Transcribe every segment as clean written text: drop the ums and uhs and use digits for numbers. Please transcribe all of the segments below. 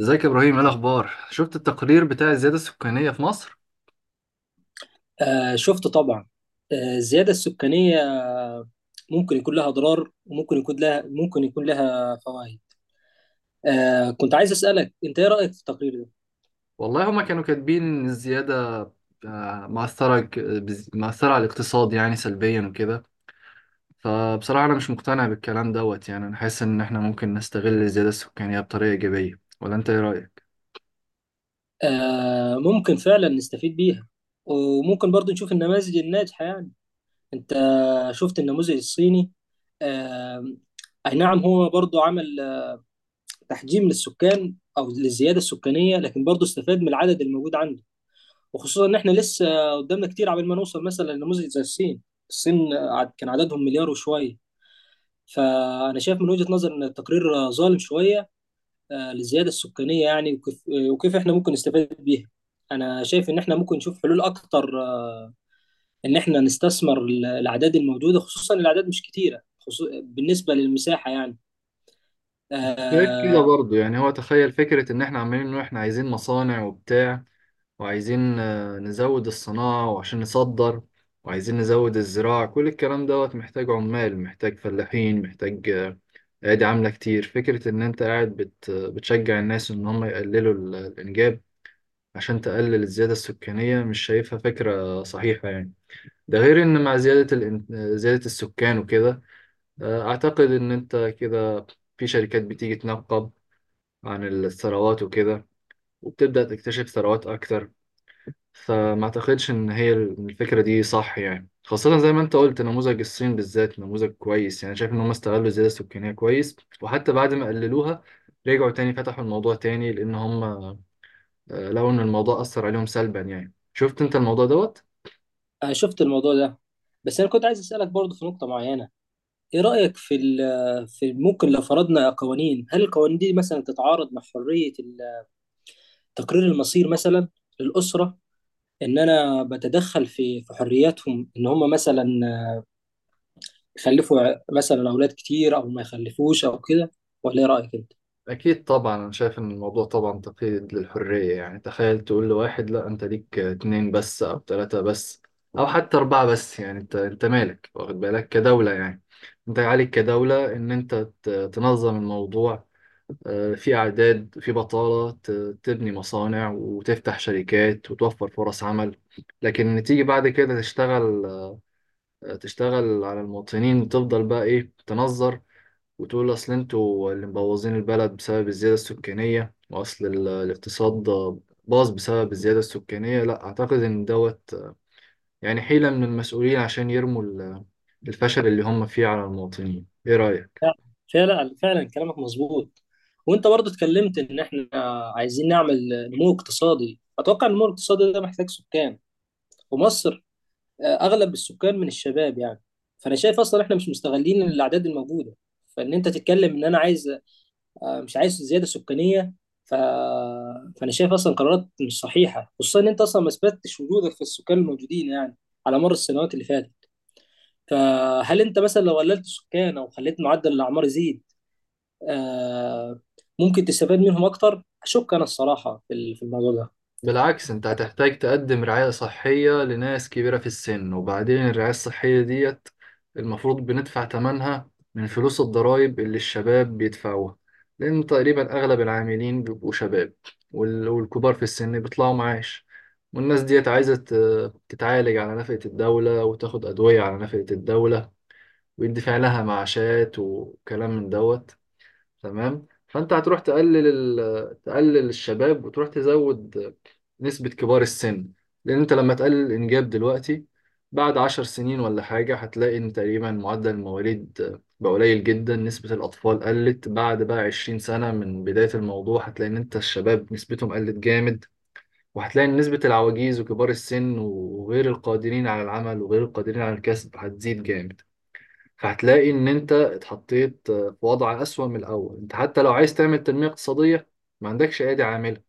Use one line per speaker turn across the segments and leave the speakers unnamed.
ازيك يا ابراهيم؟ ايه الاخبار؟ شفت التقرير بتاع الزياده السكانيه في مصر؟
آه، شفت طبعا. الزيادة السكانية ممكن يكون لها أضرار، وممكن يكون لها فوائد. كنت عايز أسألك، أنت إيه رأيك في التقرير ده؟
والله هما كانوا كاتبين ان الزياده مأثرة، مأثرة على الاقتصاد يعني سلبيا وكده. فبصراحة أنا مش مقتنع بالكلام دوت يعني، أنا حاسس إن إحنا ممكن نستغل الزيادة السكانية بطريقة إيجابية، ولا أنت إيه رأيك؟
ممكن فعلا نستفيد بيها، وممكن برضو نشوف النماذج الناجحة يعني. أنت شفت النموذج الصيني؟ آه. أي نعم، هو برضو عمل تحجيم للسكان أو للزيادة السكانية، لكن برضو استفاد من العدد الموجود عنده. وخصوصا ان احنا لسه قدامنا كتير عبال ما نوصل مثلا لنموذج زي الصين. الصين كان عددهم مليار وشويه. فانا شايف من وجهة نظر ان التقرير ظالم شويه للزياده السكانيه يعني. وكيف احنا ممكن نستفاد بيها. انا شايف ان احنا ممكن نشوف حلول اكتر، ان احنا نستثمر الاعداد الموجوده، خصوصا الاعداد مش كتيره بالنسبه للمساحه يعني.
أنت شايف كده
آه،
برضه؟ يعني هو تخيل فكرة إن إحنا عمالين نقول إحنا عايزين مصانع وبتاع، وعايزين نزود الصناعة وعشان نصدر، وعايزين نزود الزراعة. كل الكلام دوت محتاج عمال، محتاج فلاحين، محتاج أيادي عاملة كتير. فكرة إن أنت قاعد بتشجع الناس إن هم يقللوا الإنجاب عشان تقلل الزيادة السكانية مش شايفها فكرة صحيحة يعني. ده غير إن مع زيادة زيادة السكان وكده، أعتقد إن أنت كده في شركات بتيجي تنقب عن الثروات وكده، وبتبدأ تكتشف ثروات أكتر. فما اعتقدش ان هي الفكره دي صح يعني. خاصه زي ما انت قلت نموذج الصين بالذات نموذج كويس يعني، شايف ان هم استغلوا الزياده السكانيه كويس. وحتى بعد ما قللوها رجعوا تاني فتحوا الموضوع تاني، لان هم لقوا ان الموضوع اثر عليهم سلبا يعني. شفت انت الموضوع دوت؟
انا شفت الموضوع ده. بس انا كنت عايز اسالك برضه في نقطه معينه، ايه رأيك في في ممكن لو فرضنا قوانين؟ هل القوانين دي مثلا تتعارض مع حرية تقرير المصير مثلا للأسرة؟ ان انا بتدخل في حرياتهم، ان هم مثلا يخلفوا مثلا اولاد كتير او ما يخلفوش او كده؟ ولا ايه رأيك انت؟
أكيد طبعا. أنا شايف إن الموضوع طبعا تقييد للحرية يعني. تخيل تقول لواحد لا أنت ليك اتنين بس أو تلاتة بس أو حتى أربعة بس. يعني أنت مالك؟ واخد بالك كدولة يعني. أنت عليك كدولة إن أنت ت- تنظم الموضوع. في أعداد، في بطالة، تبني مصانع وتفتح شركات وتوفر فرص عمل. لكن تيجي بعد كده تشتغل، تشتغل على المواطنين وتفضل بقى إيه تنظر. وتقول اصل انتوا اللي مبوظين البلد بسبب الزيادة السكانية، واصل الاقتصاد باظ بسبب الزيادة السكانية. لا، اعتقد ان دوت يعني حيلة من المسؤولين عشان يرموا الفشل اللي هم فيه على المواطنين. ايه رأيك؟
فعلا فعلا كلامك مظبوط. وانت برضو اتكلمت ان احنا عايزين نعمل نمو اقتصادي، اتوقع النمو الاقتصادي ده محتاج سكان. ومصر اغلب السكان من الشباب يعني. فانا شايف اصلا احنا مش مستغلين الاعداد الموجوده. فان انت تتكلم ان انا عايز، مش عايز زياده سكانيه. ف... فانا شايف اصلا قرارات مش صحيحه، خصوصا ان انت اصلا ما اثبتتش وجودك في السكان الموجودين يعني، على مر السنوات اللي فاتت. فهل انت مثلا لو قللت السكان او خليت معدل الاعمار يزيد آه، ممكن تستفاد منهم اكتر؟ اشك انا الصراحه في في الموضوع ده.
بالعكس، انت هتحتاج تقدم رعاية صحية لناس كبيرة في السن. وبعدين الرعاية الصحية ديت المفروض بندفع ثمنها من فلوس الضرائب اللي الشباب بيدفعوها، لأن تقريبا أغلب العاملين بيبقوا شباب، والكبار في السن بيطلعوا معاش. والناس ديت عايزة تتعالج على نفقة الدولة وتاخد أدوية على نفقة الدولة، ويدفع لها معاشات وكلام من دوت. تمام. فانت هتروح تقلل تقلل الشباب وتروح تزود نسبة كبار السن. لان انت لما تقلل الانجاب دلوقتي، بعد 10 سنين ولا حاجة هتلاقي ان تقريبا معدل المواليد بقى قليل جدا، نسبة الأطفال قلت. بعد بقى 20 سنة من بداية الموضوع هتلاقي إن أنت الشباب نسبتهم قلت جامد. وهتلاقي إن نسبة العواجيز وكبار السن وغير القادرين على العمل وغير القادرين على الكسب هتزيد جامد. هتلاقي ان انت اتحطيت في وضع اسوأ من الاول. انت حتى لو عايز تعمل تنمية اقتصادية ما عندكش ايدي عاملة.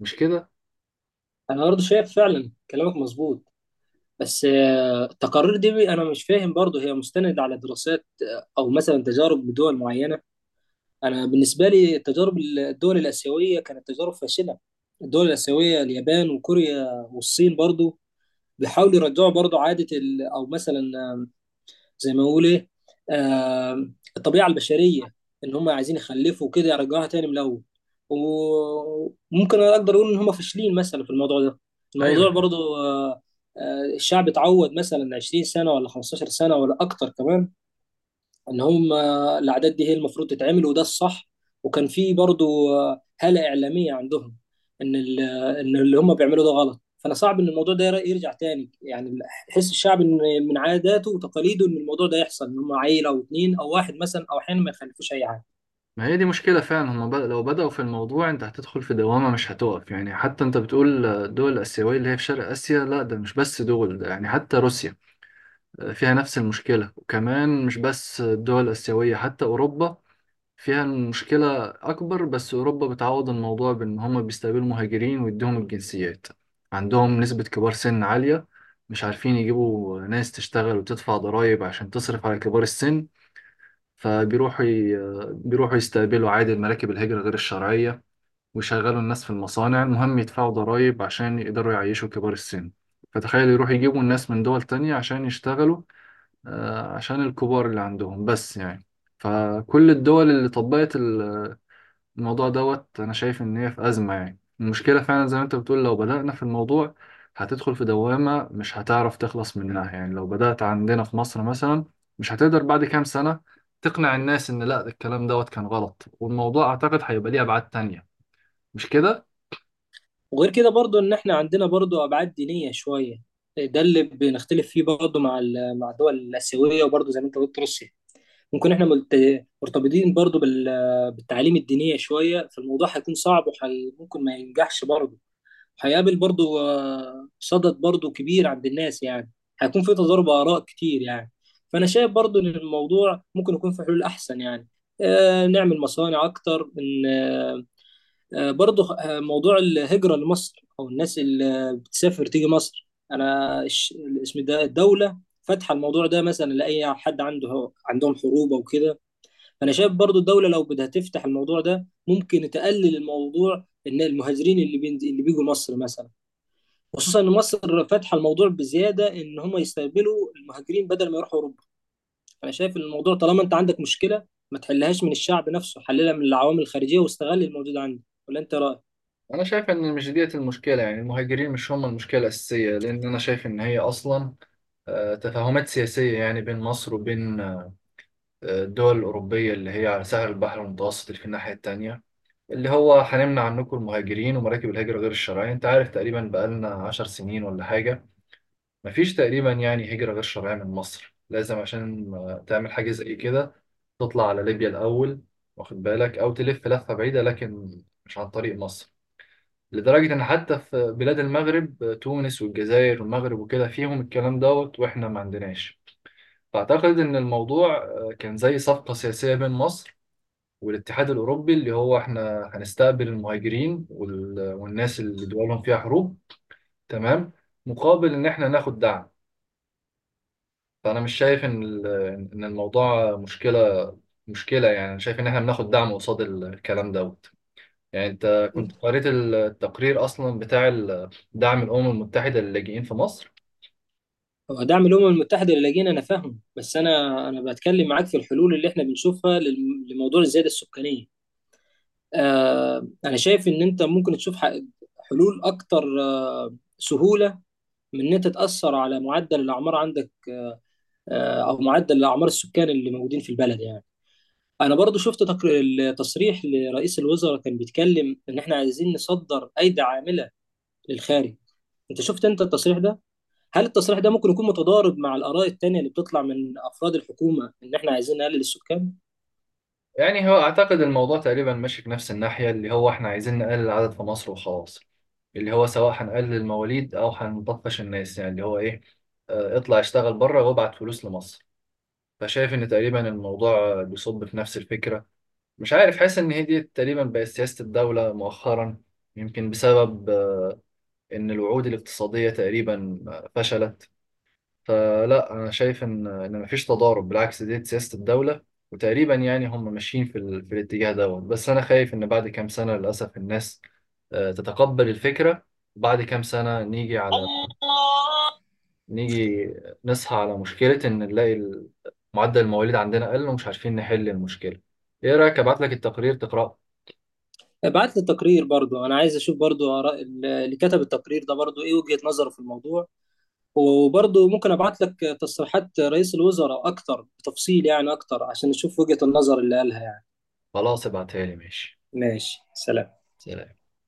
مش كده؟
انا برضه شايف فعلا كلامك مظبوط. بس التقارير دي انا مش فاهم برضه هي مستند على دراسات او مثلا تجارب بدول معينه. انا بالنسبه لي تجارب الدول الاسيويه كانت تجارب فاشله. الدول الاسيويه اليابان وكوريا والصين برضه بيحاولوا يرجعوا برضه عاده او مثلا زي ما نقول ايه آه، الطبيعه البشريه، ان هم عايزين يخلفوا كده يرجعوها تاني من الاول. وممكن أنا اقدر اقول ان هم فاشلين مثلا في الموضوع ده.
ايوه.
الموضوع برضو الشعب اتعود مثلا 20 سنه ولا 15 سنه ولا اكتر كمان، ان هم الاعداد دي هي المفروض تتعمل وده الصح. وكان في برضو هاله اعلاميه عندهم ان ان اللي هم بيعملوا ده غلط. فانا صعب ان الموضوع ده يرجع تاني يعني. حس الشعب ان من عاداته وتقاليده ان الموضوع ده يحصل، ان هم عيله او اتنين او واحد مثلا، او احيانا ما يخلفوش اي حاجه.
ما هي دي مشكله فعلا. هما لو بداوا في الموضوع انت هتدخل في دوامه مش هتقف يعني. حتى انت بتقول الدول الاسيويه اللي هي في شرق اسيا، لا ده مش بس دول، ده يعني حتى روسيا فيها نفس المشكله. وكمان مش بس الدول الاسيويه، حتى اوروبا فيها المشكلة أكبر. بس أوروبا بتعوض الموضوع بإن هما بيستقبلوا مهاجرين ويديهم الجنسيات. عندهم نسبة كبار سن عالية، مش عارفين يجيبوا ناس تشتغل وتدفع ضرائب عشان تصرف على كبار السن. فبيروحوا بيروحوا يستقبلوا عادي المراكب الهجرة غير الشرعية، ويشغلوا الناس في المصانع، المهم يدفعوا ضرائب عشان يقدروا يعيشوا كبار السن. فتخيل يروحوا يجيبوا الناس من دول تانية عشان يشتغلوا، عشان الكبار اللي عندهم بس يعني. فكل الدول اللي طبقت الموضوع دوت انا شايف ان هي في ازمه يعني. المشكله فعلا زي ما انت بتقول، لو بدانا في الموضوع هتدخل في دوامه مش هتعرف تخلص منها يعني. لو بدات عندنا في مصر مثلا مش هتقدر بعد كام سنه تقنع الناس ان لا الكلام دوت كان غلط. والموضوع اعتقد هيبقى ليه ابعاد تانية. مش كده؟
وغير كده برضو ان احنا عندنا برضو ابعاد دينيه شويه. ده اللي بنختلف فيه برضو مع مع الدول الاسيويه، وبرضو زي ما انت قلت روسيا. ممكن احنا مرتبطين برضو بالتعاليم الدينية شوية، فالموضوع هيكون صعب وممكن ما ينجحش برضو. هيقابل برضو صدد برضو كبير عند الناس يعني. هيكون في تضارب آراء كتير يعني. فأنا شايف برضو إن الموضوع ممكن يكون في حلول أحسن يعني. نعمل مصانع أكتر، إن برضو موضوع الهجرة لمصر أو الناس اللي بتسافر تيجي مصر، أنا الاسم ده الدولة فاتحة الموضوع ده مثلا لأي حد عندهم حروب أو كده. فانا شايف برضو الدوله لو بدها تفتح الموضوع ده ممكن تقلل الموضوع، ان المهاجرين اللي بين اللي بيجوا مصر مثلا، خصوصا ان مصر فاتحه الموضوع بزياده، ان هم يستقبلوا المهاجرين بدل ما يروحوا اوروبا. انا شايف إن الموضوع طالما انت عندك مشكله، ما تحلهاش من الشعب نفسه، حللها من العوامل الخارجيه واستغل الموجود عندك. ولا انت رايك؟
انا شايف ان مش ديت المشكله يعني، المهاجرين مش هم المشكله الاساسيه. لان انا شايف ان هي اصلا تفاهمات سياسيه يعني بين مصر وبين الدول الاوروبيه اللي هي على ساحل البحر المتوسط اللي في الناحيه التانيه. اللي هو هنمنع عنكم المهاجرين ومراكب الهجرة غير الشرعية. انت عارف تقريبا بقالنا 10 سنين ولا حاجة مفيش تقريبا يعني هجرة غير شرعية من مصر. لازم عشان تعمل حاجة زي كده تطلع على ليبيا الأول، واخد بالك؟ أو تلف لفة بعيدة لكن مش عن طريق مصر. لدرجة إن حتى في بلاد المغرب، تونس والجزائر والمغرب وكده، فيهم الكلام دوت وإحنا ما عندناش. فأعتقد إن الموضوع كان زي صفقة سياسية بين مصر والاتحاد الأوروبي، اللي هو احنا هنستقبل المهاجرين والناس اللي دولهم فيها حروب. تمام. مقابل إن احنا ناخد دعم. فأنا مش شايف إن إن الموضوع مشكلة. مشكلة يعني، أنا شايف إن احنا بناخد دعم قصاد الكلام دوت. يعني أنت كنت قريت التقرير أصلا بتاع دعم الأمم المتحدة للاجئين في مصر؟
هو دعم الامم المتحده اللي لاجئين انا فاهم، بس انا بتكلم معاك في الحلول اللي احنا بنشوفها لموضوع الزياده السكانيه. انا شايف ان انت ممكن تشوف حلول اكتر سهوله، من ان انت تاثر على معدل الاعمار عندك، او معدل الاعمار السكان اللي موجودين في البلد يعني. انا برضو شفت التصريح لرئيس الوزراء، كان بيتكلم ان احنا عايزين نصدر ايدي عامله للخارج. انت شفت انت التصريح ده؟ هل التصريح ده ممكن يكون متضارب مع الاراء التانية اللي بتطلع من افراد الحكومه ان احنا عايزين نقلل السكان؟
يعني هو أعتقد الموضوع تقريبا ماشي في نفس الناحية، اللي هو إحنا عايزين نقلل العدد في مصر وخلاص. اللي هو سواء هنقلل المواليد أو هنطفش الناس. يعني اللي هو إيه، اطلع اشتغل بره وابعت فلوس لمصر. فشايف إن تقريبا الموضوع بيصب في نفس الفكرة. مش عارف، حاسس إن هي دي تقريبا بقت سياسة الدولة مؤخرا. يمكن بسبب إن الوعود الاقتصادية تقريبا فشلت. فلا، انا شايف ان مفيش تضارب، بالعكس دي سياسه الدوله. وتقريبا يعني هم ماشيين في الاتجاه دوت. بس انا خايف ان بعد كام سنه للاسف الناس تتقبل الفكره. بعد كام سنه
الله.
نيجي نصحى على مشكله ان نلاقي معدل المواليد عندنا قل ومش عارفين نحل المشكله. ايه رايك ابعت لك التقرير تقراه؟
ابعت لي التقرير برضو، انا عايز اشوف برضو اراء اللي كتب التقرير ده برضو ايه وجهة نظره في الموضوع. وبرضو ممكن ابعت لك تصريحات رئيس الوزراء اكتر بتفصيل يعني اكتر، عشان نشوف وجهة النظر اللي قالها يعني.
خلاص، ابعتها لي. ماشي.
ماشي، سلام.
سلام.